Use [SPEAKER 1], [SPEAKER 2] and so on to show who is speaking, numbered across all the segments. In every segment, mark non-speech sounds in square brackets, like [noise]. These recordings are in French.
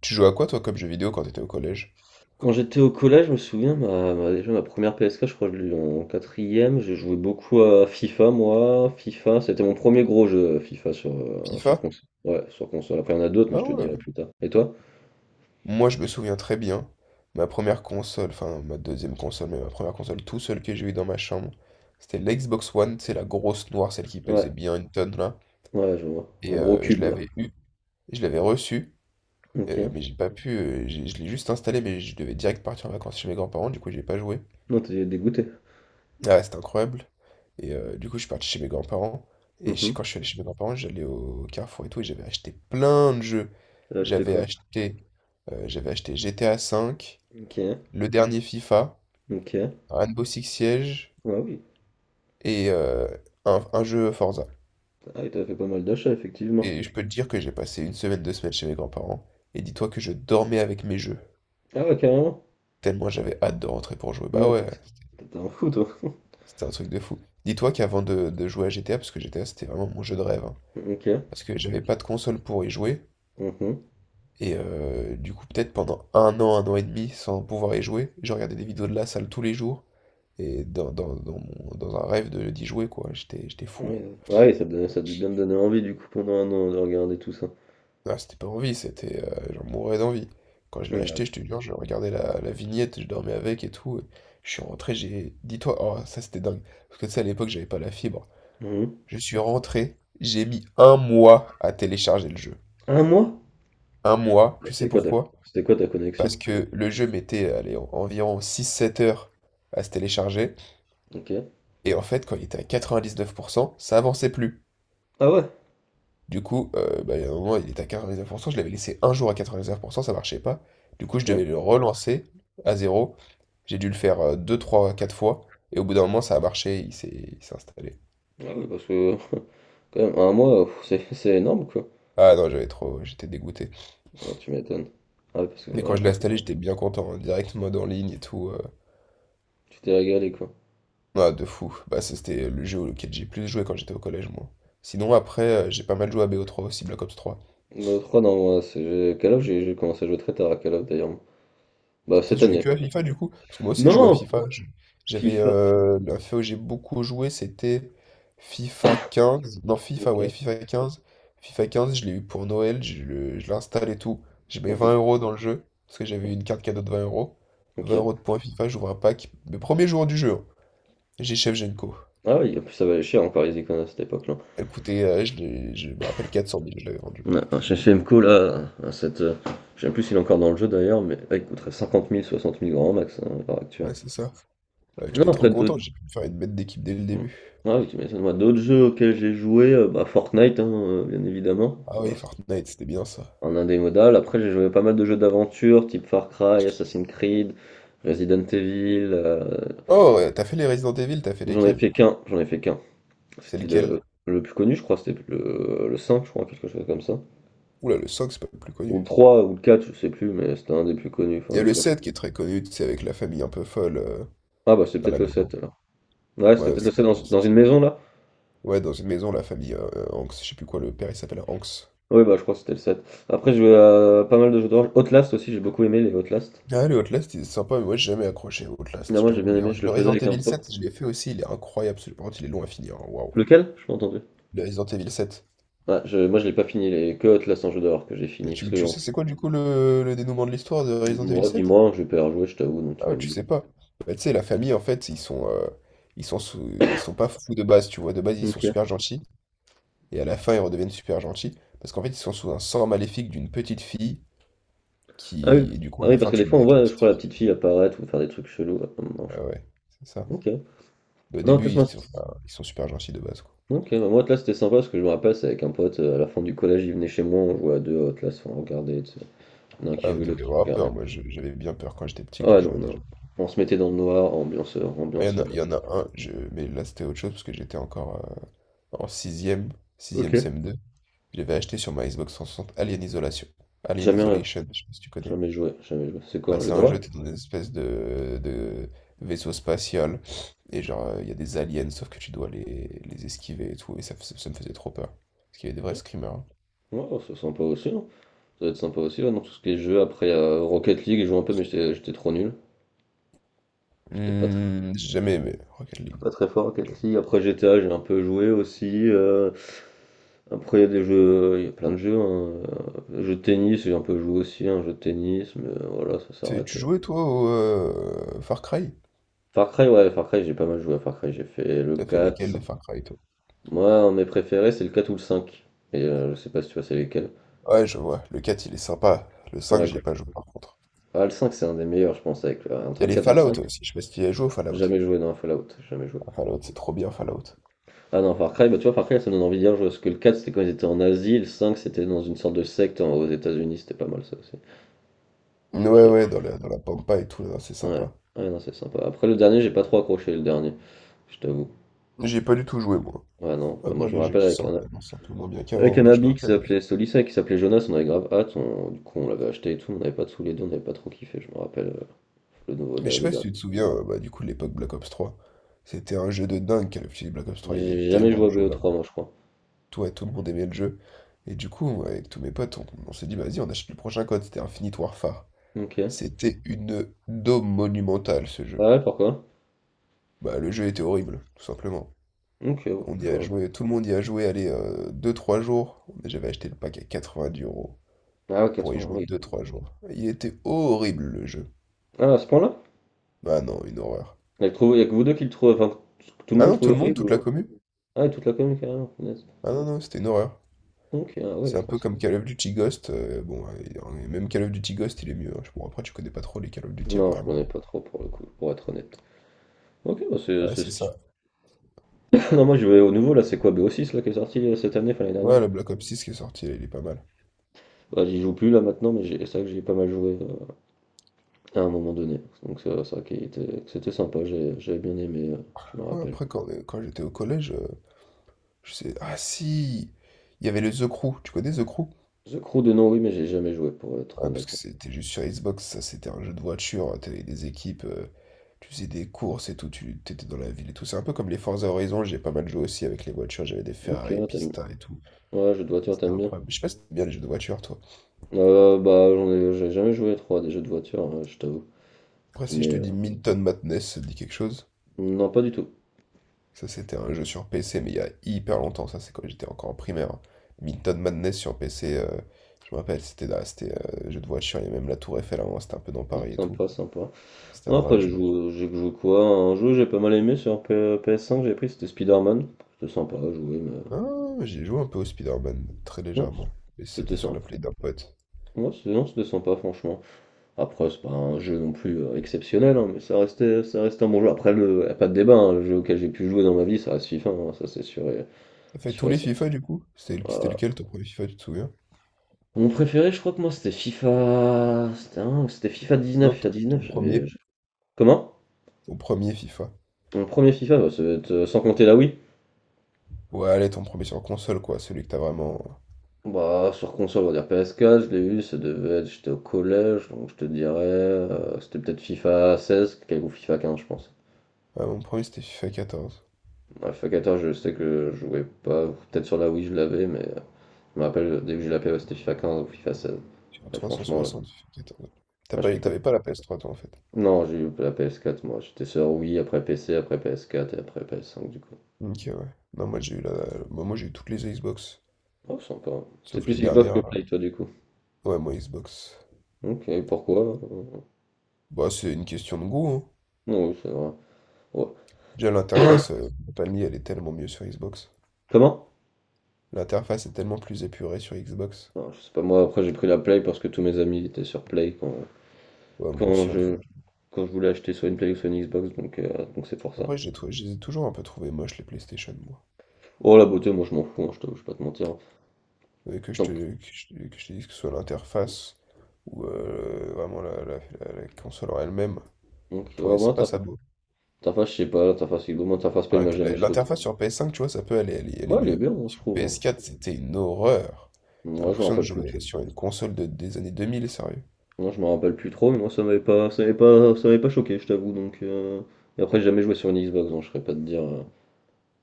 [SPEAKER 1] Tu jouais à quoi toi comme jeu vidéo quand t'étais au collège?
[SPEAKER 2] Quand j'étais au collège, je me souviens, déjà ma première PSK, je crois que je l'ai eu en quatrième. J'ai joué beaucoup à FIFA, moi. FIFA, c'était mon premier gros jeu, FIFA, sur
[SPEAKER 1] FIFA?
[SPEAKER 2] console. Ouais, sur console. Après, il y en a d'autres, mais
[SPEAKER 1] Ah
[SPEAKER 2] je te dirai
[SPEAKER 1] ouais.
[SPEAKER 2] plus tard. Et toi?
[SPEAKER 1] Moi je me souviens très bien, ma première console, enfin ma deuxième console, mais ma première console tout seul que j'ai eu dans ma chambre, c'était l'Xbox One, c'est la grosse noire, celle qui pesait
[SPEAKER 2] Ouais,
[SPEAKER 1] bien une tonne là.
[SPEAKER 2] ouais, je vois. Un
[SPEAKER 1] Et
[SPEAKER 2] gros
[SPEAKER 1] je
[SPEAKER 2] cube, là.
[SPEAKER 1] l'avais eu, je l'avais reçu,
[SPEAKER 2] Ok.
[SPEAKER 1] mais j'ai pas pu, je l'ai juste installé, mais je devais direct partir en vacances chez mes grands-parents, du coup j'ai pas joué.
[SPEAKER 2] Non, t'es dégoûté.
[SPEAKER 1] Ah ouais, c'était incroyable. Et du coup, je suis parti chez mes grands-parents. Et
[SPEAKER 2] Mhm.
[SPEAKER 1] quand je suis allé chez mes grands-parents, j'allais au Carrefour et tout, et j'avais acheté plein de jeux.
[SPEAKER 2] T'as acheté
[SPEAKER 1] J'avais
[SPEAKER 2] quoi?
[SPEAKER 1] acheté, J'avais acheté GTA V,
[SPEAKER 2] Ok,
[SPEAKER 1] le dernier FIFA,
[SPEAKER 2] ok.
[SPEAKER 1] Rainbow Six Siege
[SPEAKER 2] Ah oui.
[SPEAKER 1] et un jeu Forza.
[SPEAKER 2] Ah oui, t'as fait pas mal d'achats, effectivement.
[SPEAKER 1] Et je peux te dire que j'ai passé une semaine, deux semaines chez mes grands-parents. Et dis-toi que je dormais avec mes jeux.
[SPEAKER 2] Ah ouais, carrément.
[SPEAKER 1] Tellement j'avais hâte de rentrer pour jouer. Bah
[SPEAKER 2] Ouais, t'es
[SPEAKER 1] ouais,
[SPEAKER 2] t'es un fou, toi. [laughs]
[SPEAKER 1] c'était un truc de fou. Dis-toi qu'avant de jouer à GTA, parce que GTA c'était vraiment mon jeu de rêve, hein,
[SPEAKER 2] Ok.
[SPEAKER 1] parce que j'avais pas de console pour y jouer.
[SPEAKER 2] Mhm.
[SPEAKER 1] Et du coup, peut-être pendant un an et demi, sans pouvoir y jouer, je regardais des vidéos de la salle tous les jours. Et dans un rêve d'y jouer, quoi. J'étais fou.
[SPEAKER 2] Ouais, ouais, ça a dû bien te donner envie, du coup, pendant un an, de regarder tout ça.
[SPEAKER 1] Ah, c'était pas envie, c'était. J'en mourais d'envie. Quand je l'ai
[SPEAKER 2] Mmh, ah
[SPEAKER 1] acheté,
[SPEAKER 2] tu
[SPEAKER 1] je te jure, je regardais la vignette, je dormais avec et tout. Je suis rentré, j'ai. Dis-toi, oh, ça c'était dingue. Parce que tu sais, à l'époque, j'avais pas la fibre.
[SPEAKER 2] mmh.
[SPEAKER 1] Je suis rentré, j'ai mis un mois à télécharger le jeu.
[SPEAKER 2] 1 mois? Mmh.
[SPEAKER 1] Un mois,
[SPEAKER 2] Bah,
[SPEAKER 1] tu sais pourquoi?
[SPEAKER 2] c'était quoi ta
[SPEAKER 1] Parce
[SPEAKER 2] connexion?
[SPEAKER 1] que le jeu mettait, allez, environ six sept heures à se télécharger.
[SPEAKER 2] OK.
[SPEAKER 1] Et en fait, quand il était à 99%, ça avançait plus.
[SPEAKER 2] Ah ouais?
[SPEAKER 1] Du coup, bah, il un moment, il était à 99%, je l'avais laissé un jour à 99%, ça marchait pas. Du coup, je
[SPEAKER 2] OK.
[SPEAKER 1] devais le relancer à zéro. J'ai dû le faire 2, 3, 4 fois. Et au bout d'un moment, ça a marché, il s'est installé.
[SPEAKER 2] Ah ouais parce que [laughs] quand même un mois, pff, c'est [laughs] c'est énorme quoi.
[SPEAKER 1] Ah non, j'avais trop, j'étais dégoûté.
[SPEAKER 2] Ouais, tu m'étonnes. Ah ouais parce que
[SPEAKER 1] Mais quand
[SPEAKER 2] ouais,
[SPEAKER 1] je l'ai
[SPEAKER 2] hein,
[SPEAKER 1] installé, j'étais bien content, hein, direct mode en ligne et tout.
[SPEAKER 2] tu t'es régalé quoi.
[SPEAKER 1] Ah, de fou. Bah, ça, c'était le jeu auquel j'ai plus joué quand j'étais au collège, moi. Sinon, après, j'ai pas mal joué à BO3 aussi, Black Ops 3.
[SPEAKER 2] Bah, trois non, moi c'est j'ai Call of j'ai commencé à jouer très tard à Call of d'ailleurs. Bah,
[SPEAKER 1] Toi,
[SPEAKER 2] cette
[SPEAKER 1] tu jouais
[SPEAKER 2] année.
[SPEAKER 1] que à FIFA du coup? Parce que moi aussi, je jouais à
[SPEAKER 2] Non!
[SPEAKER 1] FIFA. J'avais
[SPEAKER 2] FIFA.
[SPEAKER 1] la fois où j'ai beaucoup joué, c'était FIFA 15. Non, FIFA, ouais,
[SPEAKER 2] OK.
[SPEAKER 1] FIFA quinze. Je l'ai eu pour Noël, je l'installe et tout. J'ai mis
[SPEAKER 2] Mmh.
[SPEAKER 1] 20 € dans le jeu, parce que j'avais eu une carte cadeau de 20 euros. Vingt
[SPEAKER 2] OK.
[SPEAKER 1] euros de points FIFA, j'ouvre un pack. Le premier jour du jeu, hein. J'ai Chef Genko.
[SPEAKER 2] Ah oui, en plus ça valait cher encore les icônes à cette époque-là.
[SPEAKER 1] Elle coûtait, je me rappelle, 400 000, je l'avais vendu.
[SPEAKER 2] Ouais, un CFMCO là, je sais même plus s'il est encore dans le jeu d'ailleurs, mais là il coûterait 50 mille 60 000 grand max, hein, à l'heure actuelle.
[SPEAKER 1] Ouais, c'est ça. Ouais,
[SPEAKER 2] Non,
[SPEAKER 1] j'étais trop
[SPEAKER 2] après
[SPEAKER 1] content,
[SPEAKER 2] d'autres.
[SPEAKER 1] j'ai pu me faire une bête d'équipe dès le début.
[SPEAKER 2] Ah oui, tu m'étonnes. Moi, d'autres jeux auxquels j'ai joué, bah, Fortnite, hein, bien évidemment.
[SPEAKER 1] Ah oui,
[SPEAKER 2] Voilà, c'est
[SPEAKER 1] Fortnite, c'était bien ça.
[SPEAKER 2] un indémodable. Après, j'ai joué à pas mal de jeux d'aventure, type Far Cry, Assassin's Creed, Resident Evil,
[SPEAKER 1] Oh, ouais, t'as fait les Resident Evil, t'as fait lesquels?
[SPEAKER 2] J'en ai fait qu'un.
[SPEAKER 1] C'est
[SPEAKER 2] C'était
[SPEAKER 1] lequel?
[SPEAKER 2] le plus connu, je crois, c'était le 5 je crois, quelque chose comme ça.
[SPEAKER 1] Oula, le 5, c'est pas le plus
[SPEAKER 2] Ou
[SPEAKER 1] connu.
[SPEAKER 2] le 3, ou le 4, je sais plus, mais c'était un des plus connus. Enfin,
[SPEAKER 1] Il y a
[SPEAKER 2] je
[SPEAKER 1] le
[SPEAKER 2] sais plus.
[SPEAKER 1] 7 qui est très connu, c'est avec la famille un peu folle
[SPEAKER 2] Ah bah, c'est
[SPEAKER 1] dans
[SPEAKER 2] peut-être
[SPEAKER 1] la
[SPEAKER 2] le 7
[SPEAKER 1] maison.
[SPEAKER 2] alors. Ouais, c'était
[SPEAKER 1] Ouais,
[SPEAKER 2] peut-être le sept
[SPEAKER 1] c'est-
[SPEAKER 2] dans une maison, là?
[SPEAKER 1] ouais, dans une maison, la famille Hanks, je sais plus quoi, le père il s'appelle Hanks.
[SPEAKER 2] Oui, bah, je crois que c'était le 7. Après, j'ai joué à pas mal de jeux d'horreur. Outlast aussi, j'ai beaucoup aimé les Outlast.
[SPEAKER 1] Ah, le Outlast, il est sympa, mais moi j'ai jamais accroché au Outlast,
[SPEAKER 2] Non,
[SPEAKER 1] je
[SPEAKER 2] moi j'ai
[SPEAKER 1] t'avoue.
[SPEAKER 2] bien
[SPEAKER 1] Le
[SPEAKER 2] aimé, je
[SPEAKER 1] le
[SPEAKER 2] le faisais
[SPEAKER 1] Resident
[SPEAKER 2] avec un
[SPEAKER 1] Evil
[SPEAKER 2] pote.
[SPEAKER 1] 7, je l'ai fait aussi, il est incroyable, par contre il est long à finir, hein, waouh.
[SPEAKER 2] Lequel? Je pas entendu.
[SPEAKER 1] Le Resident Evil 7.
[SPEAKER 2] Moi je l'ai pas fini, les que Outlast en jeu d'horreur que j'ai
[SPEAKER 1] Et
[SPEAKER 2] fini, parce
[SPEAKER 1] Tu,
[SPEAKER 2] que
[SPEAKER 1] tu
[SPEAKER 2] en
[SPEAKER 1] sais,
[SPEAKER 2] fond,
[SPEAKER 1] c'est quoi du coup le dénouement de l'histoire de Resident Evil
[SPEAKER 2] moi,
[SPEAKER 1] 7?
[SPEAKER 2] dis-moi, je vais pas y rejouer, je t'avoue, donc tu
[SPEAKER 1] Ah
[SPEAKER 2] peux
[SPEAKER 1] ouais,
[SPEAKER 2] me
[SPEAKER 1] tu
[SPEAKER 2] dire.
[SPEAKER 1] sais pas. Bah, tu sais, la famille en fait, ils sont pas fous de base, tu vois. De base, ils sont
[SPEAKER 2] Ok.
[SPEAKER 1] super gentils. Et à la fin, ils redeviennent super gentils parce qu'en fait, ils sont sous un sang maléfique d'une petite fille
[SPEAKER 2] Ah oui.
[SPEAKER 1] qui. Et du coup,
[SPEAKER 2] Ah
[SPEAKER 1] à la
[SPEAKER 2] oui, parce
[SPEAKER 1] fin,
[SPEAKER 2] que des
[SPEAKER 1] tu te bats
[SPEAKER 2] fois on
[SPEAKER 1] avec la
[SPEAKER 2] voit, je
[SPEAKER 1] petite
[SPEAKER 2] crois, la
[SPEAKER 1] fille.
[SPEAKER 2] petite fille apparaître ou faire des trucs chelous à un moment, je
[SPEAKER 1] Ah
[SPEAKER 2] crois.
[SPEAKER 1] ouais, c'est ça.
[SPEAKER 2] Ok.
[SPEAKER 1] Mais au
[SPEAKER 2] Non,
[SPEAKER 1] début,
[SPEAKER 2] Outlast,
[SPEAKER 1] ils
[SPEAKER 2] moi,
[SPEAKER 1] sont,
[SPEAKER 2] c'est-
[SPEAKER 1] enfin, ils sont super gentils de base, quoi.
[SPEAKER 2] Ok, bah, moi Outlast c'était sympa, parce que je me rappelle, c'est avec un pote, à la fin du collège, il venait chez moi, on jouait à deux à Outlast, on regardait, tu sais. Il y en a un qui
[SPEAKER 1] Ah, vous
[SPEAKER 2] jouait, l'autre
[SPEAKER 1] devez
[SPEAKER 2] qui
[SPEAKER 1] avoir
[SPEAKER 2] regardait.
[SPEAKER 1] peur. Moi, j'avais bien peur quand j'étais petit
[SPEAKER 2] Ah
[SPEAKER 1] que
[SPEAKER 2] ouais,
[SPEAKER 1] je
[SPEAKER 2] non,
[SPEAKER 1] jouais à des
[SPEAKER 2] non.
[SPEAKER 1] jeux.
[SPEAKER 2] On se mettait dans le noir, ambiance,
[SPEAKER 1] Ah,
[SPEAKER 2] ambiance,
[SPEAKER 1] il y en a un, mais là, c'était autre chose parce que j'étais encore en 6ème, 6ème cm Je l'avais acheté sur ma Xbox 360 Alien Isolation. Alien
[SPEAKER 2] Jamais, euh,
[SPEAKER 1] Isolation, je sais pas si tu connais.
[SPEAKER 2] jamais joué, jamais joué. C'est quoi
[SPEAKER 1] Bah,
[SPEAKER 2] un jeu
[SPEAKER 1] c'est un
[SPEAKER 2] d'horreur?
[SPEAKER 1] jeu, t'es dans une espèce de vaisseau spatial. Et genre, il y a des aliens, sauf que tu dois les esquiver et tout. Et ça me faisait trop peur. Parce qu'il y avait des vrais screamers, hein.
[SPEAKER 2] Ouais, ouais, c'est sympa aussi, hein. Ça doit être sympa aussi, ouais, dans tout ce qui est jeu. Après, Rocket League, j'ai joué un peu, mais j'étais trop nul. J'étais pas très,
[SPEAKER 1] Hmm, j'ai jamais aimé Rocket League.
[SPEAKER 2] pas très fort à
[SPEAKER 1] Je
[SPEAKER 2] Rocket League. Après, GTA, j'ai un peu joué aussi, après, il y a des jeux, il y a plein de jeux, hein. Jeu de tennis, j'ai un peu joué aussi, un jeu de tennis, mais voilà, ça
[SPEAKER 1] Tu
[SPEAKER 2] s'arrête.
[SPEAKER 1] jouais toi au Far Cry?
[SPEAKER 2] Far Cry, ouais, Far Cry, j'ai pas mal joué à Far Cry. J'ai fait le
[SPEAKER 1] T'as fait lesquels
[SPEAKER 2] quatre.
[SPEAKER 1] de Far Cry toi?
[SPEAKER 2] Moi, un de mes préférés, c'est le 4 ou le cinq. Je sais pas si tu vois, c'est lesquels.
[SPEAKER 1] Ouais, je vois. Le 4 il est sympa. Le 5
[SPEAKER 2] Ouais,
[SPEAKER 1] j'y ai
[SPEAKER 2] quoi.
[SPEAKER 1] pas joué par contre.
[SPEAKER 2] Ah, le 5 c'est un des meilleurs, je pense, avec,
[SPEAKER 1] Il y
[SPEAKER 2] entre
[SPEAKER 1] a
[SPEAKER 2] le
[SPEAKER 1] les
[SPEAKER 2] 4 et le cinq.
[SPEAKER 1] Fallout aussi. Je sais pas si tu y as joué au Fallout.
[SPEAKER 2] Jamais joué dans un Fallout, jamais joué.
[SPEAKER 1] Ah, Fallout, c'est trop bien, Fallout.
[SPEAKER 2] Ah non, Far Cry, bah tu vois, Far Cry, ça me donne envie de jouer, je parce que le 4, c'était quand ils étaient en Asie, le 5, c'était dans une sorte de aux États-Unis, c'était pas mal ça aussi.
[SPEAKER 1] Ouais,
[SPEAKER 2] Je-
[SPEAKER 1] ouais, dans la pampa et tout, là, c'est
[SPEAKER 2] Ouais,
[SPEAKER 1] sympa.
[SPEAKER 2] ouais, non, c'est sympa. Après, le dernier, j'ai pas trop accroché, le dernier, je t'avoue.
[SPEAKER 1] J'ai pas du tout joué, moi.
[SPEAKER 2] Ouais, non, bah, moi,
[SPEAKER 1] Après,
[SPEAKER 2] je me
[SPEAKER 1] les jeux
[SPEAKER 2] rappelle
[SPEAKER 1] qui sortent maintenant, c'est un peu moins bien
[SPEAKER 2] avec
[SPEAKER 1] qu'avant,
[SPEAKER 2] un
[SPEAKER 1] moi je me
[SPEAKER 2] ami qui
[SPEAKER 1] rappelle.
[SPEAKER 2] s'appelait Solissa, qui s'appelait Jonas, on avait grave hâte, du coup, on l'avait acheté et tout, on n'avait pas tous les deux, on n'avait pas trop kiffé, je me rappelle, le nouveau,
[SPEAKER 1] Mais je sais
[SPEAKER 2] le
[SPEAKER 1] pas si
[SPEAKER 2] dernier.
[SPEAKER 1] tu te souviens, bah, du coup, de l'époque Black Ops 3. C'était un jeu de dingue, Call of Duty Black Ops 3. Il y avait
[SPEAKER 2] J'ai jamais
[SPEAKER 1] tellement
[SPEAKER 2] joué
[SPEAKER 1] de
[SPEAKER 2] à
[SPEAKER 1] joueurs, là.
[SPEAKER 2] BO3, moi, je crois.
[SPEAKER 1] Ouais, tout le monde aimait le jeu. Et du coup, moi, avec tous mes potes, on s'est dit, vas-y, on achète le prochain code. C'était Infinite Warfare.
[SPEAKER 2] Ok.
[SPEAKER 1] C'était une daube monumentale, ce
[SPEAKER 2] Ah
[SPEAKER 1] jeu.
[SPEAKER 2] ouais, pourquoi?
[SPEAKER 1] Bah, le jeu était horrible, tout simplement.
[SPEAKER 2] Ok, bon,
[SPEAKER 1] On
[SPEAKER 2] je
[SPEAKER 1] y a
[SPEAKER 2] crois-
[SPEAKER 1] joué, tout le monde y a joué, allez, deux trois jours. Mais j'avais acheté le pack à 90 €
[SPEAKER 2] Ah, ouais,
[SPEAKER 1] pour y
[SPEAKER 2] 80,
[SPEAKER 1] jouer
[SPEAKER 2] oui.
[SPEAKER 1] deux trois jours. Il était horrible, le jeu.
[SPEAKER 2] Ah, à ce point-là?
[SPEAKER 1] Bah non, une horreur.
[SPEAKER 2] Il y a que vous deux qui le trouvez, enfin, tout le
[SPEAKER 1] Ah
[SPEAKER 2] monde
[SPEAKER 1] non, tout
[SPEAKER 2] trouve
[SPEAKER 1] le monde, toute
[SPEAKER 2] horrible?
[SPEAKER 1] la commune?
[SPEAKER 2] Ah, toute la commune, carrément, punaise.
[SPEAKER 1] Ah non, non, c'était une horreur.
[SPEAKER 2] OK, ah ouais,
[SPEAKER 1] C'est
[SPEAKER 2] je
[SPEAKER 1] un peu
[SPEAKER 2] pense.
[SPEAKER 1] comme Call of Duty Ghost. Bon, même Call of Duty Ghost, il est mieux, hein. Bon, après, tu connais pas trop les Call of Duty
[SPEAKER 2] Non, je
[SPEAKER 1] apparemment.
[SPEAKER 2] connais pas trop pour le coup, pour être honnête. OK, bah c'est
[SPEAKER 1] Ouais,
[SPEAKER 2] c'est
[SPEAKER 1] c'est
[SPEAKER 2] sti-
[SPEAKER 1] ça.
[SPEAKER 2] [laughs] non, moi je vais au nouveau là, c'est quoi BO6 là qui est sorti cette année, enfin l'année dernière.
[SPEAKER 1] Ouais, le Black Ops 6 qui est sorti, là, il est pas mal.
[SPEAKER 2] Bah, j'y joue plus là maintenant, mais c'est vrai que j'y ai pas mal joué à un moment donné. Donc c'est vrai que c'était sympa, j'avais bien aimé, je me
[SPEAKER 1] Ouais,
[SPEAKER 2] rappelle.
[SPEAKER 1] après, quand, quand j'étais au collège, je sais. Ah si! Il y avait le The Crew. Tu connais The Crew?
[SPEAKER 2] The Crew de nom, oui, mais j'ai jamais joué pour être
[SPEAKER 1] Ouais, parce que
[SPEAKER 2] honnête.
[SPEAKER 1] c'était juste sur Xbox, ça, c'était un jeu de voiture, hein. T'avais des équipes, tu faisais des courses et tout, tu t'étais dans la ville et tout. C'est un peu comme les Forza Horizon, j'ai pas mal joué aussi avec les voitures. J'avais des
[SPEAKER 2] OK,
[SPEAKER 1] Ferrari
[SPEAKER 2] ouais, t'aimes bien.
[SPEAKER 1] Pista et tout.
[SPEAKER 2] Ouais, jeux de voiture,
[SPEAKER 1] C'était
[SPEAKER 2] t'aimes bien.
[SPEAKER 1] incroyable. Je sais pas si t'aimes bien les jeux de voiture, toi.
[SPEAKER 2] Bah j'ai jamais joué trop à des jeux de voiture, hein, je t'avoue.
[SPEAKER 1] Après, si je
[SPEAKER 2] Mais
[SPEAKER 1] te dis Minton Madness, ça te dit quelque chose?
[SPEAKER 2] non, pas du tout.
[SPEAKER 1] Ça, c'était un jeu sur PC, mais il y a hyper longtemps. Ça, c'est quand j'étais encore en primaire. Minton Madness sur PC, je me rappelle, c'était là, c'était jeu de voiture. Il y a même la Tour Eiffel avant, c'était un peu dans
[SPEAKER 2] Non,
[SPEAKER 1] Paris et tout.
[SPEAKER 2] sympa, sympa.
[SPEAKER 1] C'était un
[SPEAKER 2] Non, après,
[SPEAKER 1] vrai
[SPEAKER 2] je
[SPEAKER 1] jeu.
[SPEAKER 2] joue j'ai joué quoi? Un jeu, que j'ai pas mal aimé sur PS5, que j'ai pris, c'était Spider-Man. C'était sympa à jouer, mais.
[SPEAKER 1] Ah, j'ai joué un peu au Spider-Man, très
[SPEAKER 2] Non,
[SPEAKER 1] légèrement. Et c'était
[SPEAKER 2] c'était
[SPEAKER 1] sur la
[SPEAKER 2] sympa.
[SPEAKER 1] Play d'un pote.
[SPEAKER 2] Non, c'était sympa, franchement. Après, c'est pas un jeu non plus exceptionnel, hein, mais ça restait un bon jeu. Après, y a pas de débat, hein, le jeu auquel j'ai pu jouer dans ma vie, ça reste FIFA, hein, ça c'est
[SPEAKER 1] T'as fait
[SPEAKER 2] sûr
[SPEAKER 1] tous
[SPEAKER 2] et
[SPEAKER 1] les
[SPEAKER 2] certain.
[SPEAKER 1] FIFA, du coup? C'était c'était
[SPEAKER 2] Voilà.
[SPEAKER 1] lequel ton premier FIFA, tu te souviens?
[SPEAKER 2] Mon préféré, je crois que moi, c'était FIFA. C'était c'était FIFA 19.
[SPEAKER 1] Non,
[SPEAKER 2] FIFA
[SPEAKER 1] ton
[SPEAKER 2] 19,
[SPEAKER 1] premier.
[SPEAKER 2] Comment?
[SPEAKER 1] Ton premier FIFA.
[SPEAKER 2] Mon premier FIFA, bah, ça va être, sans compter la Wii.
[SPEAKER 1] Ouais, allez, ton premier sur console, quoi. Celui que t'as vraiment.
[SPEAKER 2] Bah, sur console, on va dire PS4, je l'ai eu, ça devait être, j'étais au collège, donc je te dirais, c'était peut-être FIFA 16 ou FIFA 15, je pense.
[SPEAKER 1] Ah, mon premier, c'était FIFA 14.
[SPEAKER 2] Ouais, FIFA 14, je sais que je jouais pas, ou peut-être sur la Wii, je l'avais, mais je me rappelle, dès que j'ai eu la PS, c'était FIFA 15 ou FIFA 16.
[SPEAKER 1] Sur
[SPEAKER 2] Mais
[SPEAKER 1] trois cent
[SPEAKER 2] franchement,
[SPEAKER 1] soixante FIFA 14. T'as
[SPEAKER 2] moi,
[SPEAKER 1] pas,
[SPEAKER 2] j'étais
[SPEAKER 1] eu-
[SPEAKER 2] quoi?
[SPEAKER 1] t'avais pas la PS3, toi, en fait.
[SPEAKER 2] Non, j'ai eu la PS4, moi, j'étais sur Wii, après PC, après PS4 et après PS5, du coup.
[SPEAKER 1] Ok, ouais. Non, moi, j'ai eu la... bah, moi, j'ai eu toutes les Xbox.
[SPEAKER 2] Oh, sympa. C'est
[SPEAKER 1] Sauf les
[SPEAKER 2] plus Xbox que
[SPEAKER 1] dernières, là.
[SPEAKER 2] Play, toi, du coup.
[SPEAKER 1] Ouais, moi, Xbox.
[SPEAKER 2] Ok, pourquoi?
[SPEAKER 1] Bah, c'est une question de goût, hein.
[SPEAKER 2] Non, oui, c'est vrai. Ouais.
[SPEAKER 1] Déjà, l'interface, faut pas le nier, elle est tellement mieux sur Xbox.
[SPEAKER 2] Comment?
[SPEAKER 1] L'interface est tellement plus épurée sur Xbox.
[SPEAKER 2] Non, je sais pas moi, après j'ai pris la Play parce que tous mes amis étaient sur Play
[SPEAKER 1] Ouais, moi
[SPEAKER 2] quand
[SPEAKER 1] aussi, un peu.
[SPEAKER 2] je quand je voulais acheter soit une Play ou soit une Xbox, donc c'est pour ça.
[SPEAKER 1] Après, je les ai toujours un peu trouvés moches, les PlayStation, moi.
[SPEAKER 2] Oh la beauté, moi je m'en fous, hein, je t'avoue, je vais pas te mentir. Donc
[SPEAKER 1] Que je te dise que ce soit l'interface ou vraiment la console en elle-même.
[SPEAKER 2] Donc,
[SPEAKER 1] Je trouvais
[SPEAKER 2] ouais,
[SPEAKER 1] c'est pas ça.
[SPEAKER 2] ta face, je sais pas, ta face, moi ta face Play il
[SPEAKER 1] Ouais,
[SPEAKER 2] m'a
[SPEAKER 1] que
[SPEAKER 2] jamais
[SPEAKER 1] la-
[SPEAKER 2] choqué.
[SPEAKER 1] L'interface sur PS5, tu vois, ça peut aller, elle est, elle est,
[SPEAKER 2] Moi il est
[SPEAKER 1] mieux.
[SPEAKER 2] bien, hein, je
[SPEAKER 1] Sur
[SPEAKER 2] trouve, hein.
[SPEAKER 1] PS4, c'était une horreur. T'as
[SPEAKER 2] Moi je me
[SPEAKER 1] l'impression de
[SPEAKER 2] rappelle plus trop.
[SPEAKER 1] jouer sur une console des années 2000, sérieux.
[SPEAKER 2] Moi je me rappelle plus trop, mais moi ça m'avait pas choqué, je t'avoue, donc et après j'ai jamais joué sur une Xbox, donc je serais pas de dire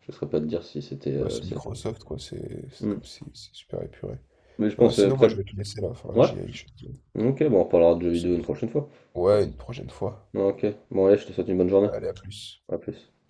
[SPEAKER 2] je serais pas de dire si c'était
[SPEAKER 1] Bah, c'est Microsoft, quoi, c'est
[SPEAKER 2] Hmm.
[SPEAKER 1] comme si c'est super épuré.
[SPEAKER 2] Mais je
[SPEAKER 1] Ouais,
[SPEAKER 2] pense
[SPEAKER 1] sinon, moi,
[SPEAKER 2] après.
[SPEAKER 1] je vais te laisser là, faudra que
[SPEAKER 2] Ouais,
[SPEAKER 1] j'y aille.
[SPEAKER 2] ok, bon on reparlera de jeux vidéo une prochaine fois.
[SPEAKER 1] Ouais, une prochaine fois.
[SPEAKER 2] Bon, ok, bon allez, je te souhaite une bonne journée.
[SPEAKER 1] Allez, à plus.
[SPEAKER 2] À plus.